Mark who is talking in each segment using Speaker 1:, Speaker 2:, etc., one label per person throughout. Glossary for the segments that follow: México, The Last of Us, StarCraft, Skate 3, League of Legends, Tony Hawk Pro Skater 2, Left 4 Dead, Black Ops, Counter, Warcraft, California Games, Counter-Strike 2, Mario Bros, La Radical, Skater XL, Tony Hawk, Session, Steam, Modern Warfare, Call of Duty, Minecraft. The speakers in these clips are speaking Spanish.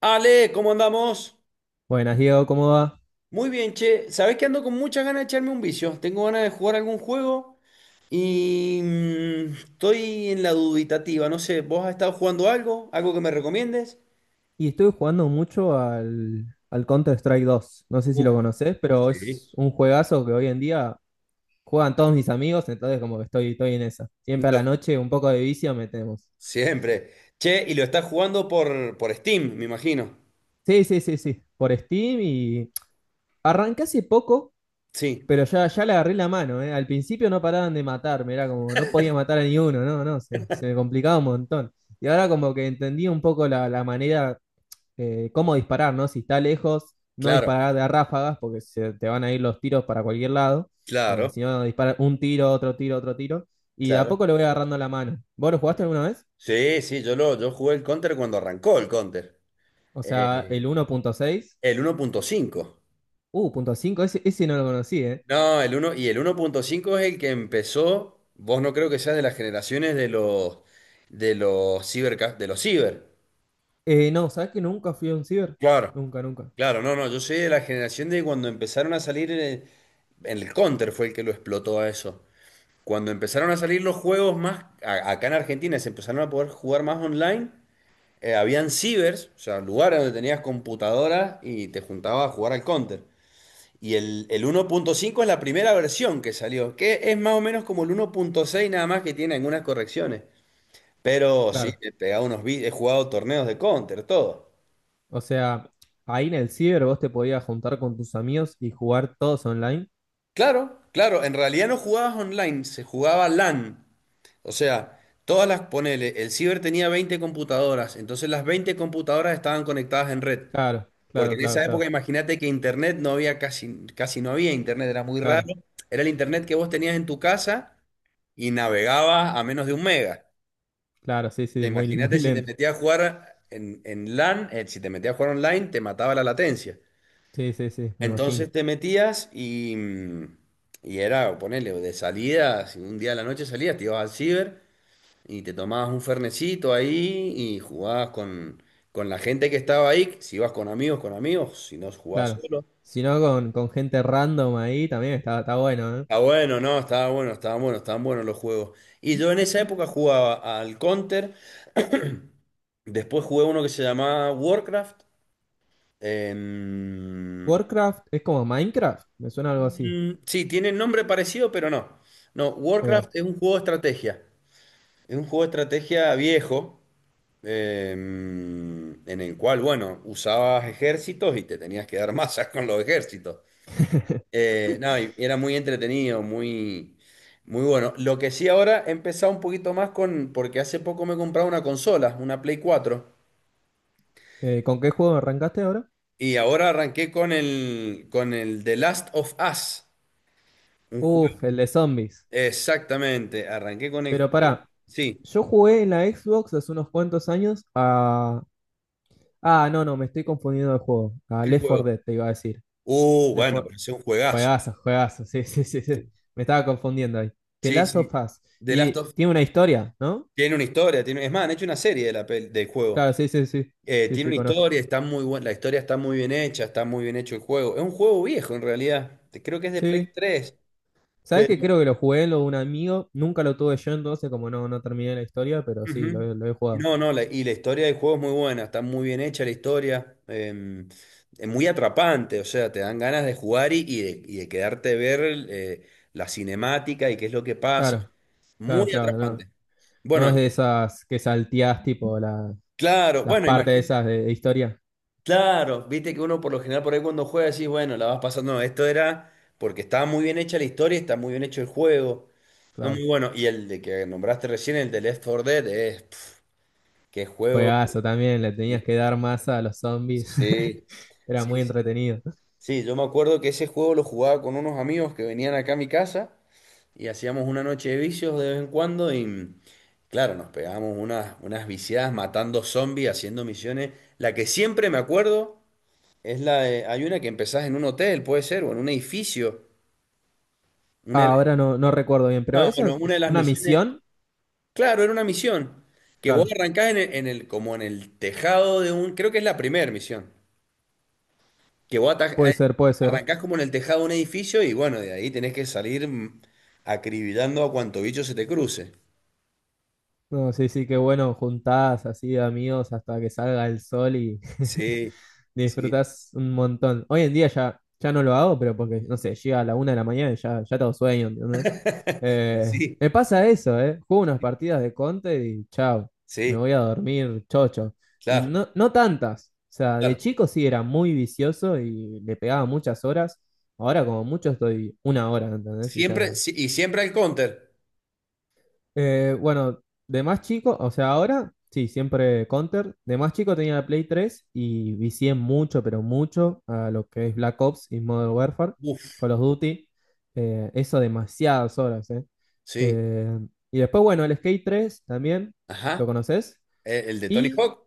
Speaker 1: Ale, ¿cómo andamos?
Speaker 2: Buenas, Diego, ¿cómo va?
Speaker 1: Muy bien, che. Sabés que ando con muchas ganas de echarme un vicio. Tengo ganas de jugar algún juego y estoy en la dubitativa. No sé, ¿vos has estado jugando algo? ¿Algo que me recomiendes?
Speaker 2: Y estoy jugando mucho al Counter-Strike 2. No sé si
Speaker 1: Uf,
Speaker 2: lo conocés, pero
Speaker 1: sí.
Speaker 2: es un juegazo que hoy en día juegan todos mis amigos, entonces como que estoy en esa. Siempre a
Speaker 1: Lo-
Speaker 2: la noche un poco de vicio metemos.
Speaker 1: Siempre. Che, y lo estás jugando por, Steam, me imagino.
Speaker 2: Sí, sí, sí, sí, por Steam y... Arranqué hace poco,
Speaker 1: Sí,
Speaker 2: pero ya, ya le agarré la mano, ¿eh? Al principio no paraban de matarme, era como no podía matar a ni uno, no, no, se me complicaba un montón. Y ahora como que entendí un poco la manera cómo disparar, ¿no? Si está lejos, no
Speaker 1: claro,
Speaker 2: disparar de a ráfagas, porque se te van a ir los tiros para cualquier lado. Eh,
Speaker 1: claro,
Speaker 2: si no, disparar un tiro, otro tiro, otro tiro. Y de a
Speaker 1: claro.
Speaker 2: poco le voy agarrando la mano. ¿Vos lo jugaste alguna vez?
Speaker 1: Sí, sí, yo jugué el Counter cuando arrancó el Counter.
Speaker 2: O sea, el
Speaker 1: Eh,
Speaker 2: 1.6.
Speaker 1: el 1.5.
Speaker 2: Punto .5, ese no lo conocí, ¿eh?
Speaker 1: No, el 1 y el 1.5 es el que empezó. Vos no creo que seas de las generaciones de los ciber, de los ciber.
Speaker 2: No, ¿sabés que nunca fui a un ciber?
Speaker 1: Claro.
Speaker 2: Nunca, nunca.
Speaker 1: Claro, no, no, yo soy de la generación de cuando empezaron a salir Counter fue el que lo explotó a eso. Cuando empezaron a salir los juegos más acá en Argentina, se empezaron a poder jugar más online. Habían cibers, o sea, lugares donde tenías computadoras y te juntabas a jugar al Counter. Y el 1.5 es la primera versión que salió, que es más o menos como el 1.6 nada más que tiene algunas correcciones. Pero sí,
Speaker 2: Claro.
Speaker 1: he pegado he jugado torneos de Counter, todo.
Speaker 2: O sea, ahí en el ciber vos te podías juntar con tus amigos y jugar todos online.
Speaker 1: Claro, claro, en realidad no jugabas online, se jugaba LAN. O sea, ponele, el ciber tenía 20 computadoras, entonces las 20 computadoras estaban conectadas en red.
Speaker 2: Claro,
Speaker 1: Porque
Speaker 2: claro,
Speaker 1: en
Speaker 2: claro,
Speaker 1: esa época
Speaker 2: claro,
Speaker 1: imagínate que internet no había casi, casi no había internet, era muy raro.
Speaker 2: claro,
Speaker 1: Era el internet que vos tenías en tu casa y navegabas a menos de un mega.
Speaker 2: claro, sí, sí, muy, muy
Speaker 1: Imagínate si te
Speaker 2: lento.
Speaker 1: metías a jugar en, LAN, si te metías a jugar online, te mataba la latencia.
Speaker 2: Sí, sí, sí, me imagino.
Speaker 1: Entonces te metías y era, ponele, de salida, si un día de la noche salías, te ibas al ciber y te tomabas un fernecito ahí y jugabas con la gente que estaba ahí, si ibas con amigos, si no jugabas
Speaker 2: Claro.
Speaker 1: solo.
Speaker 2: Si no, con gente random ahí también está bueno, ¿eh?
Speaker 1: Está bueno, no, estaba bueno, estaban buenos los juegos. Y yo en esa época jugaba al Counter, después jugué uno que se llamaba Warcraft. em,
Speaker 2: Warcraft es como Minecraft, me suena algo así.
Speaker 1: Mm, sí, tiene nombre parecido, pero no. No,
Speaker 2: Ahí va.
Speaker 1: Warcraft es un juego de estrategia. Es un juego de estrategia viejo, en el cual, bueno, usabas ejércitos y te tenías que dar masas con los ejércitos. No, y era muy entretenido, muy, muy bueno. Lo que sí ahora he empezado un poquito más con, porque hace poco me he comprado una consola, una Play 4,
Speaker 2: ¿Con qué juego arrancaste ahora?
Speaker 1: y ahora arranqué con el The Last of Us, un juego.
Speaker 2: Uf, el de zombies.
Speaker 1: Exactamente, arranqué con el
Speaker 2: Pero
Speaker 1: juego.
Speaker 2: pará,
Speaker 1: Sí,
Speaker 2: yo jugué en la Xbox hace unos cuantos años a... Ah, no, no, me estoy confundiendo de juego. A
Speaker 1: ¿qué
Speaker 2: Left 4
Speaker 1: juego?
Speaker 2: Dead, te iba a decir.
Speaker 1: Uh,
Speaker 2: Left
Speaker 1: bueno,
Speaker 2: 4...
Speaker 1: pero es un juegazo.
Speaker 2: Juegazo, juegazo, sí, sí, sí, sí. Me estaba confundiendo ahí. The
Speaker 1: Sí,
Speaker 2: Last
Speaker 1: sí.
Speaker 2: of Us.
Speaker 1: The Last
Speaker 2: Y
Speaker 1: of
Speaker 2: tiene una historia, ¿no?
Speaker 1: tiene una historia, tiene, es más, han hecho una serie de la del
Speaker 2: Claro,
Speaker 1: juego.
Speaker 2: sí, sí, sí. Sí,
Speaker 1: Tiene
Speaker 2: sí,
Speaker 1: una
Speaker 2: conozco.
Speaker 1: historia, está muy buena, la historia está muy bien hecha, está muy bien hecho el juego. Es un juego viejo en realidad. Creo que es de Play
Speaker 2: Sí.
Speaker 1: 3.
Speaker 2: ¿Sabes que
Speaker 1: Pero
Speaker 2: creo que lo jugué en lo de un amigo? Nunca lo tuve yo, entonces como no, no terminé la historia, pero sí, lo,
Speaker 1: ujú.
Speaker 2: he- lo he jugado.
Speaker 1: No, no, y la historia del juego es muy buena, está muy bien hecha la historia. Es muy atrapante, o sea, te dan ganas de jugar y de quedarte a ver la cinemática y qué es lo que pasa.
Speaker 2: Claro, claro,
Speaker 1: Muy
Speaker 2: claro. No,
Speaker 1: atrapante.
Speaker 2: no
Speaker 1: Bueno,
Speaker 2: es de esas que salteás tipo la-
Speaker 1: claro,
Speaker 2: las
Speaker 1: bueno,
Speaker 2: partes
Speaker 1: imagínate,
Speaker 2: esas de historia.
Speaker 1: claro, viste que uno por lo general por ahí cuando juega decís, bueno, la vas pasando, no, esto era porque estaba muy bien hecha la historia, está muy bien hecho el juego, no
Speaker 2: Claro.
Speaker 1: muy bueno, y el de que nombraste recién, el de Left 4 Dead, es, pf, qué juego,
Speaker 2: Juegazo también, le
Speaker 1: y-
Speaker 2: tenías que dar masa a los zombies.
Speaker 1: sí,
Speaker 2: Era
Speaker 1: sí,
Speaker 2: muy
Speaker 1: sí,
Speaker 2: entretenido.
Speaker 1: sí, yo me acuerdo que ese juego lo jugaba con unos amigos que venían acá a mi casa y hacíamos una noche de vicios de vez en cuando y claro, nos pegábamos unas viciadas matando zombies, haciendo misiones, la que siempre me acuerdo. Hay una que empezás en un hotel, puede ser, o en un edificio. Una,
Speaker 2: Ah,
Speaker 1: de-
Speaker 2: ahora no, no recuerdo bien, pero
Speaker 1: no,
Speaker 2: ¿esa
Speaker 1: bueno,
Speaker 2: es,
Speaker 1: una de
Speaker 2: es
Speaker 1: las
Speaker 2: una
Speaker 1: misiones.
Speaker 2: misión?
Speaker 1: Claro, era una misión. Que vos
Speaker 2: Claro,
Speaker 1: arrancás como en el tejado de un. Creo que es la primera misión. Que vos
Speaker 2: puede ser, puede ser.
Speaker 1: arrancás como en el tejado de un edificio y bueno, de ahí tenés que salir acribillando a cuanto bicho se te cruce.
Speaker 2: No, sí, sí, qué bueno, juntás así de amigos hasta que salga el sol y...
Speaker 1: Sí, sí,
Speaker 2: disfrutás un montón. Hoy en día ya, ya no lo hago, pero porque, no sé, llega a la una de la mañana y ya, ya tengo sueño, ¿entendés?
Speaker 1: y
Speaker 2: Eh,
Speaker 1: sí,
Speaker 2: me pasa eso, ¿eh? Juego unas partidas de Conte y chao, me
Speaker 1: sí,
Speaker 2: voy a dormir chocho. Y
Speaker 1: claro,
Speaker 2: no, no tantas. O sea, de
Speaker 1: claro.
Speaker 2: chico sí era muy vicioso y le pegaba muchas horas. Ahora como mucho estoy una hora, ¿entendés? Y ya,
Speaker 1: Siempre, sí, y siempre el Counter.
Speaker 2: bueno, de más chico, o sea, ahora sí, siempre Counter. De más chico tenía la Play 3 y vicié mucho, pero mucho a lo que es Black Ops y Modern Warfare,
Speaker 1: Uf,
Speaker 2: Call of Duty. Eso demasiadas horas, ¿eh?
Speaker 1: sí.
Speaker 2: Eh, Y después, bueno, el Skate 3 también, ¿lo
Speaker 1: Ajá.
Speaker 2: conoces?
Speaker 1: ¿El de Tony
Speaker 2: Y
Speaker 1: Hawk?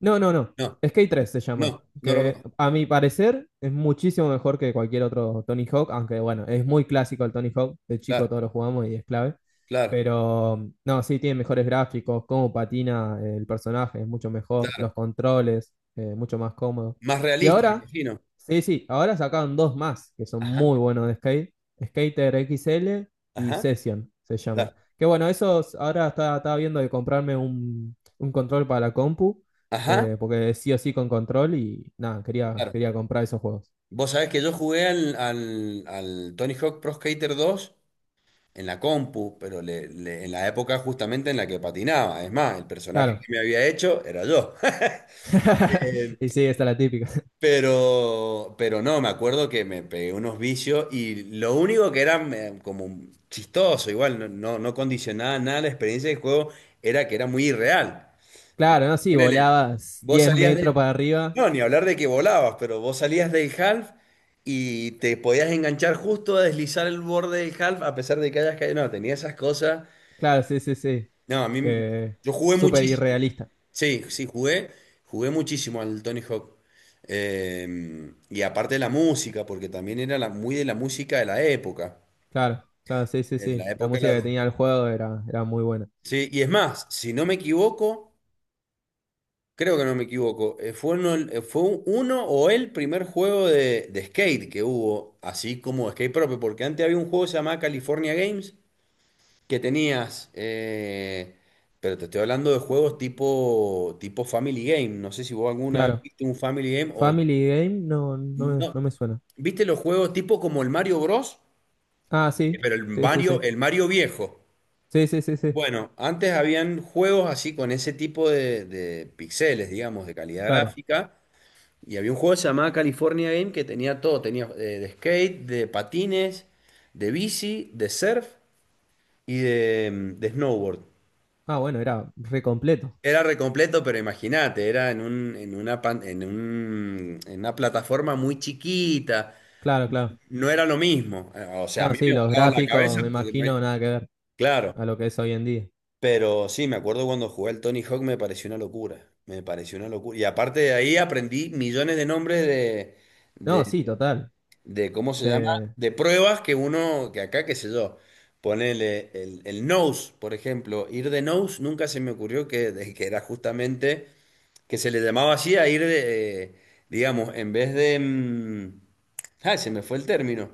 Speaker 2: no, no, no.
Speaker 1: No.
Speaker 2: Skate 3 se llama.
Speaker 1: No, no lo
Speaker 2: Que
Speaker 1: conozco.
Speaker 2: a mi parecer es muchísimo mejor que cualquier otro Tony Hawk, aunque bueno, es muy clásico el Tony Hawk. De chico
Speaker 1: Claro,
Speaker 2: todos lo jugamos y es clave.
Speaker 1: claro,
Speaker 2: Pero no, sí, tiene mejores gráficos, cómo patina el personaje es mucho mejor,
Speaker 1: claro.
Speaker 2: los controles, mucho más cómodo.
Speaker 1: Más
Speaker 2: Y
Speaker 1: realista, me
Speaker 2: ahora,
Speaker 1: imagino.
Speaker 2: sí, sí, ahora sacaron dos más que son
Speaker 1: Ajá,
Speaker 2: muy buenos de skate: Skater XL y
Speaker 1: ajá,
Speaker 2: Session se llaman.
Speaker 1: claro.
Speaker 2: Que bueno, esos ahora estaba viendo de comprarme un control para la compu
Speaker 1: Ajá,
Speaker 2: porque sí o sí con control y nada, quería,
Speaker 1: claro.
Speaker 2: quería comprar esos juegos.
Speaker 1: Vos sabés que yo jugué al Tony Hawk Pro Skater 2 en la compu, pero en la época justamente en la que patinaba. Es más, el personaje que
Speaker 2: Claro.
Speaker 1: me había hecho era yo. Eh,
Speaker 2: Y sí, esta es la típica.
Speaker 1: pero no, me acuerdo que me pegué unos vicios y lo único que era como chistoso, igual, no, no, no condicionaba nada la experiencia del juego, era que era muy irreal.
Speaker 2: Claro, ¿no? Sí,
Speaker 1: Ponele,
Speaker 2: volabas
Speaker 1: vos
Speaker 2: diez
Speaker 1: salías
Speaker 2: metros
Speaker 1: del.
Speaker 2: para arriba.
Speaker 1: No, ni hablar de que volabas, pero vos salías del half y te podías enganchar justo a deslizar el borde del half a pesar de que hayas caído. No, tenía esas cosas.
Speaker 2: Claro, sí, sí, sí.
Speaker 1: No, a mí.
Speaker 2: Que
Speaker 1: Yo jugué
Speaker 2: súper
Speaker 1: muchísimo.
Speaker 2: irrealista.
Speaker 1: Sí, sí, jugué. Jugué muchísimo al Tony Hawk. Y aparte de la música, porque también era muy de la música de la época.
Speaker 2: Claro, claro, sí, sí,
Speaker 1: De
Speaker 2: sí.
Speaker 1: la
Speaker 2: La
Speaker 1: época de
Speaker 2: música
Speaker 1: las.
Speaker 2: que tenía el juego era muy buena.
Speaker 1: Sí, y es más, si no me equivoco. Creo que no me equivoco. Fue uno, uno o el primer juego de skate que hubo, así como skate propio, porque antes había un juego que se llamaba California Games, que tenías, pero te estoy hablando de juegos tipo, tipo Family Game. No sé si vos alguna vez
Speaker 2: Claro.
Speaker 1: viste un Family Game.
Speaker 2: Family Game no, no, me-
Speaker 1: No,
Speaker 2: no me suena.
Speaker 1: ¿viste los juegos tipo como el Mario Bros?
Speaker 2: Ah, sí,
Speaker 1: Pero
Speaker 2: sí, sí, sí,
Speaker 1: El Mario viejo.
Speaker 2: sí, sí, sí, sí,
Speaker 1: Bueno, antes habían juegos así con ese tipo de píxeles, digamos, de calidad
Speaker 2: claro.
Speaker 1: gráfica. Y había un juego que se llamaba California Game que tenía todo, tenía de skate, de patines, de bici, de surf y de snowboard.
Speaker 2: Ah, bueno, era re completo.
Speaker 1: Era recompleto, pero imagínate, era en un, en una pan- en un- en una plataforma muy chiquita.
Speaker 2: Claro, claro.
Speaker 1: No era lo mismo. O sea, a
Speaker 2: No,
Speaker 1: mí
Speaker 2: sí,
Speaker 1: me
Speaker 2: los
Speaker 1: volaban la
Speaker 2: gráficos, me
Speaker 1: cabeza porque no hay.
Speaker 2: imagino, nada que ver
Speaker 1: Claro,
Speaker 2: a lo que es hoy en día.
Speaker 1: pero sí, me acuerdo cuando jugué al Tony Hawk me pareció una locura. Me pareció una locura. Y aparte de ahí aprendí millones de nombres
Speaker 2: No, sí, total.
Speaker 1: de cómo se llama,
Speaker 2: Eh,
Speaker 1: de pruebas que uno, que acá, qué sé yo, ponele el nose, por ejemplo, ir de nose, nunca se me ocurrió que era justamente, que se le llamaba así a ir de, digamos, en vez de. Ay, se me fue el término.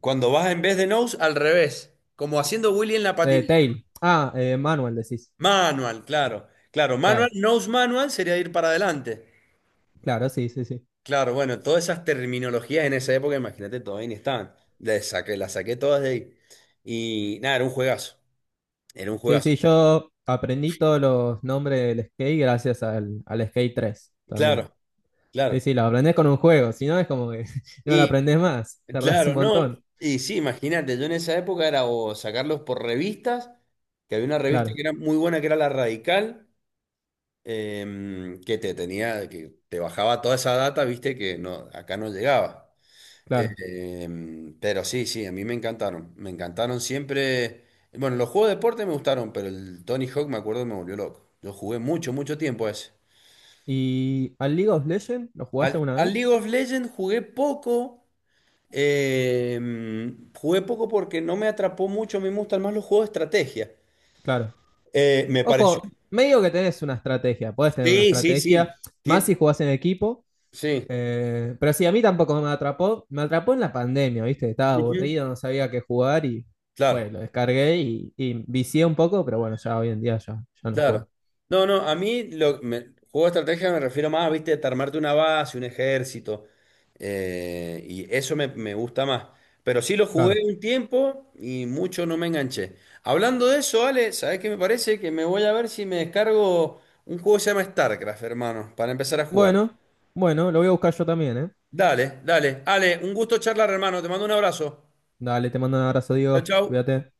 Speaker 1: Cuando vas en vez de nose, al revés, como haciendo Willy en la patineta.
Speaker 2: Tail. Ah, Manuel decís.
Speaker 1: Manual, claro, claro, manual,
Speaker 2: Claro,
Speaker 1: nose manual sería ir para adelante.
Speaker 2: claro, sí, sí, sí.
Speaker 1: Claro, bueno, todas esas terminologías en esa época, imagínate, todavía ni estaban. Las saqué todas de ahí. Y nada, era un juegazo. Era un
Speaker 2: Sí,
Speaker 1: juegazo.
Speaker 2: sí, yo aprendí todos los nombres del skate gracias al Skate 3 también.
Speaker 1: Claro,
Speaker 2: Sí,
Speaker 1: claro.
Speaker 2: sí, lo aprendés con un juego, si no es como que no lo
Speaker 1: Y
Speaker 2: aprendés más, tardás un
Speaker 1: claro, no.
Speaker 2: montón.
Speaker 1: Y sí, imagínate, yo en esa época era o sacarlos por revistas, que había una revista
Speaker 2: Claro,
Speaker 1: que era muy buena, que era La Radical, que te tenía, que te bajaba toda esa data, viste, que no, acá no llegaba.
Speaker 2: claro.
Speaker 1: Eh, pero sí, sí, a mí me encantaron. Me encantaron siempre. Bueno, los juegos de deporte me gustaron, pero el Tony Hawk me acuerdo que me volvió loco. Yo jugué mucho, mucho tiempo a ese.
Speaker 2: ¿Y al League of Legends lo jugaste
Speaker 1: Al,
Speaker 2: alguna
Speaker 1: al
Speaker 2: vez?
Speaker 1: League of Legends jugué poco. eh, jugué poco porque no me atrapó mucho. Me gustan más los juegos de estrategia.
Speaker 2: Claro.
Speaker 1: Me pareció.
Speaker 2: Ojo, medio que tenés una estrategia, podés tener una
Speaker 1: Sí, sí, sí.
Speaker 2: estrategia, más
Speaker 1: Tien-
Speaker 2: si jugás en equipo.
Speaker 1: sí.
Speaker 2: Pero sí, a mí tampoco me atrapó. Me atrapó en la pandemia, ¿viste? Estaba
Speaker 1: Ujú.
Speaker 2: aburrido, no sabía qué jugar y fue,
Speaker 1: Claro.
Speaker 2: lo descargué y vicié un poco, pero bueno, ya hoy en día ya, ya no
Speaker 1: Claro.
Speaker 2: juego.
Speaker 1: No, no, a mí lo, me- juego de estrategia me refiero más, viste, a armarte una base, un ejército. Y eso me gusta más. Pero sí lo jugué
Speaker 2: Claro.
Speaker 1: un tiempo y mucho no me enganché. Hablando de eso, Ale, ¿sabés qué me parece? Que me voy a ver si me descargo un juego que se llama StarCraft, hermano, para empezar a jugar.
Speaker 2: Bueno, bueno, lo voy a buscar yo también, ¿eh?
Speaker 1: Dale, dale. Ale, un gusto charlar, hermano. Te mando un abrazo.
Speaker 2: Dale, te mando un abrazo,
Speaker 1: Chau,
Speaker 2: Diego.
Speaker 1: chau.
Speaker 2: Cuídate.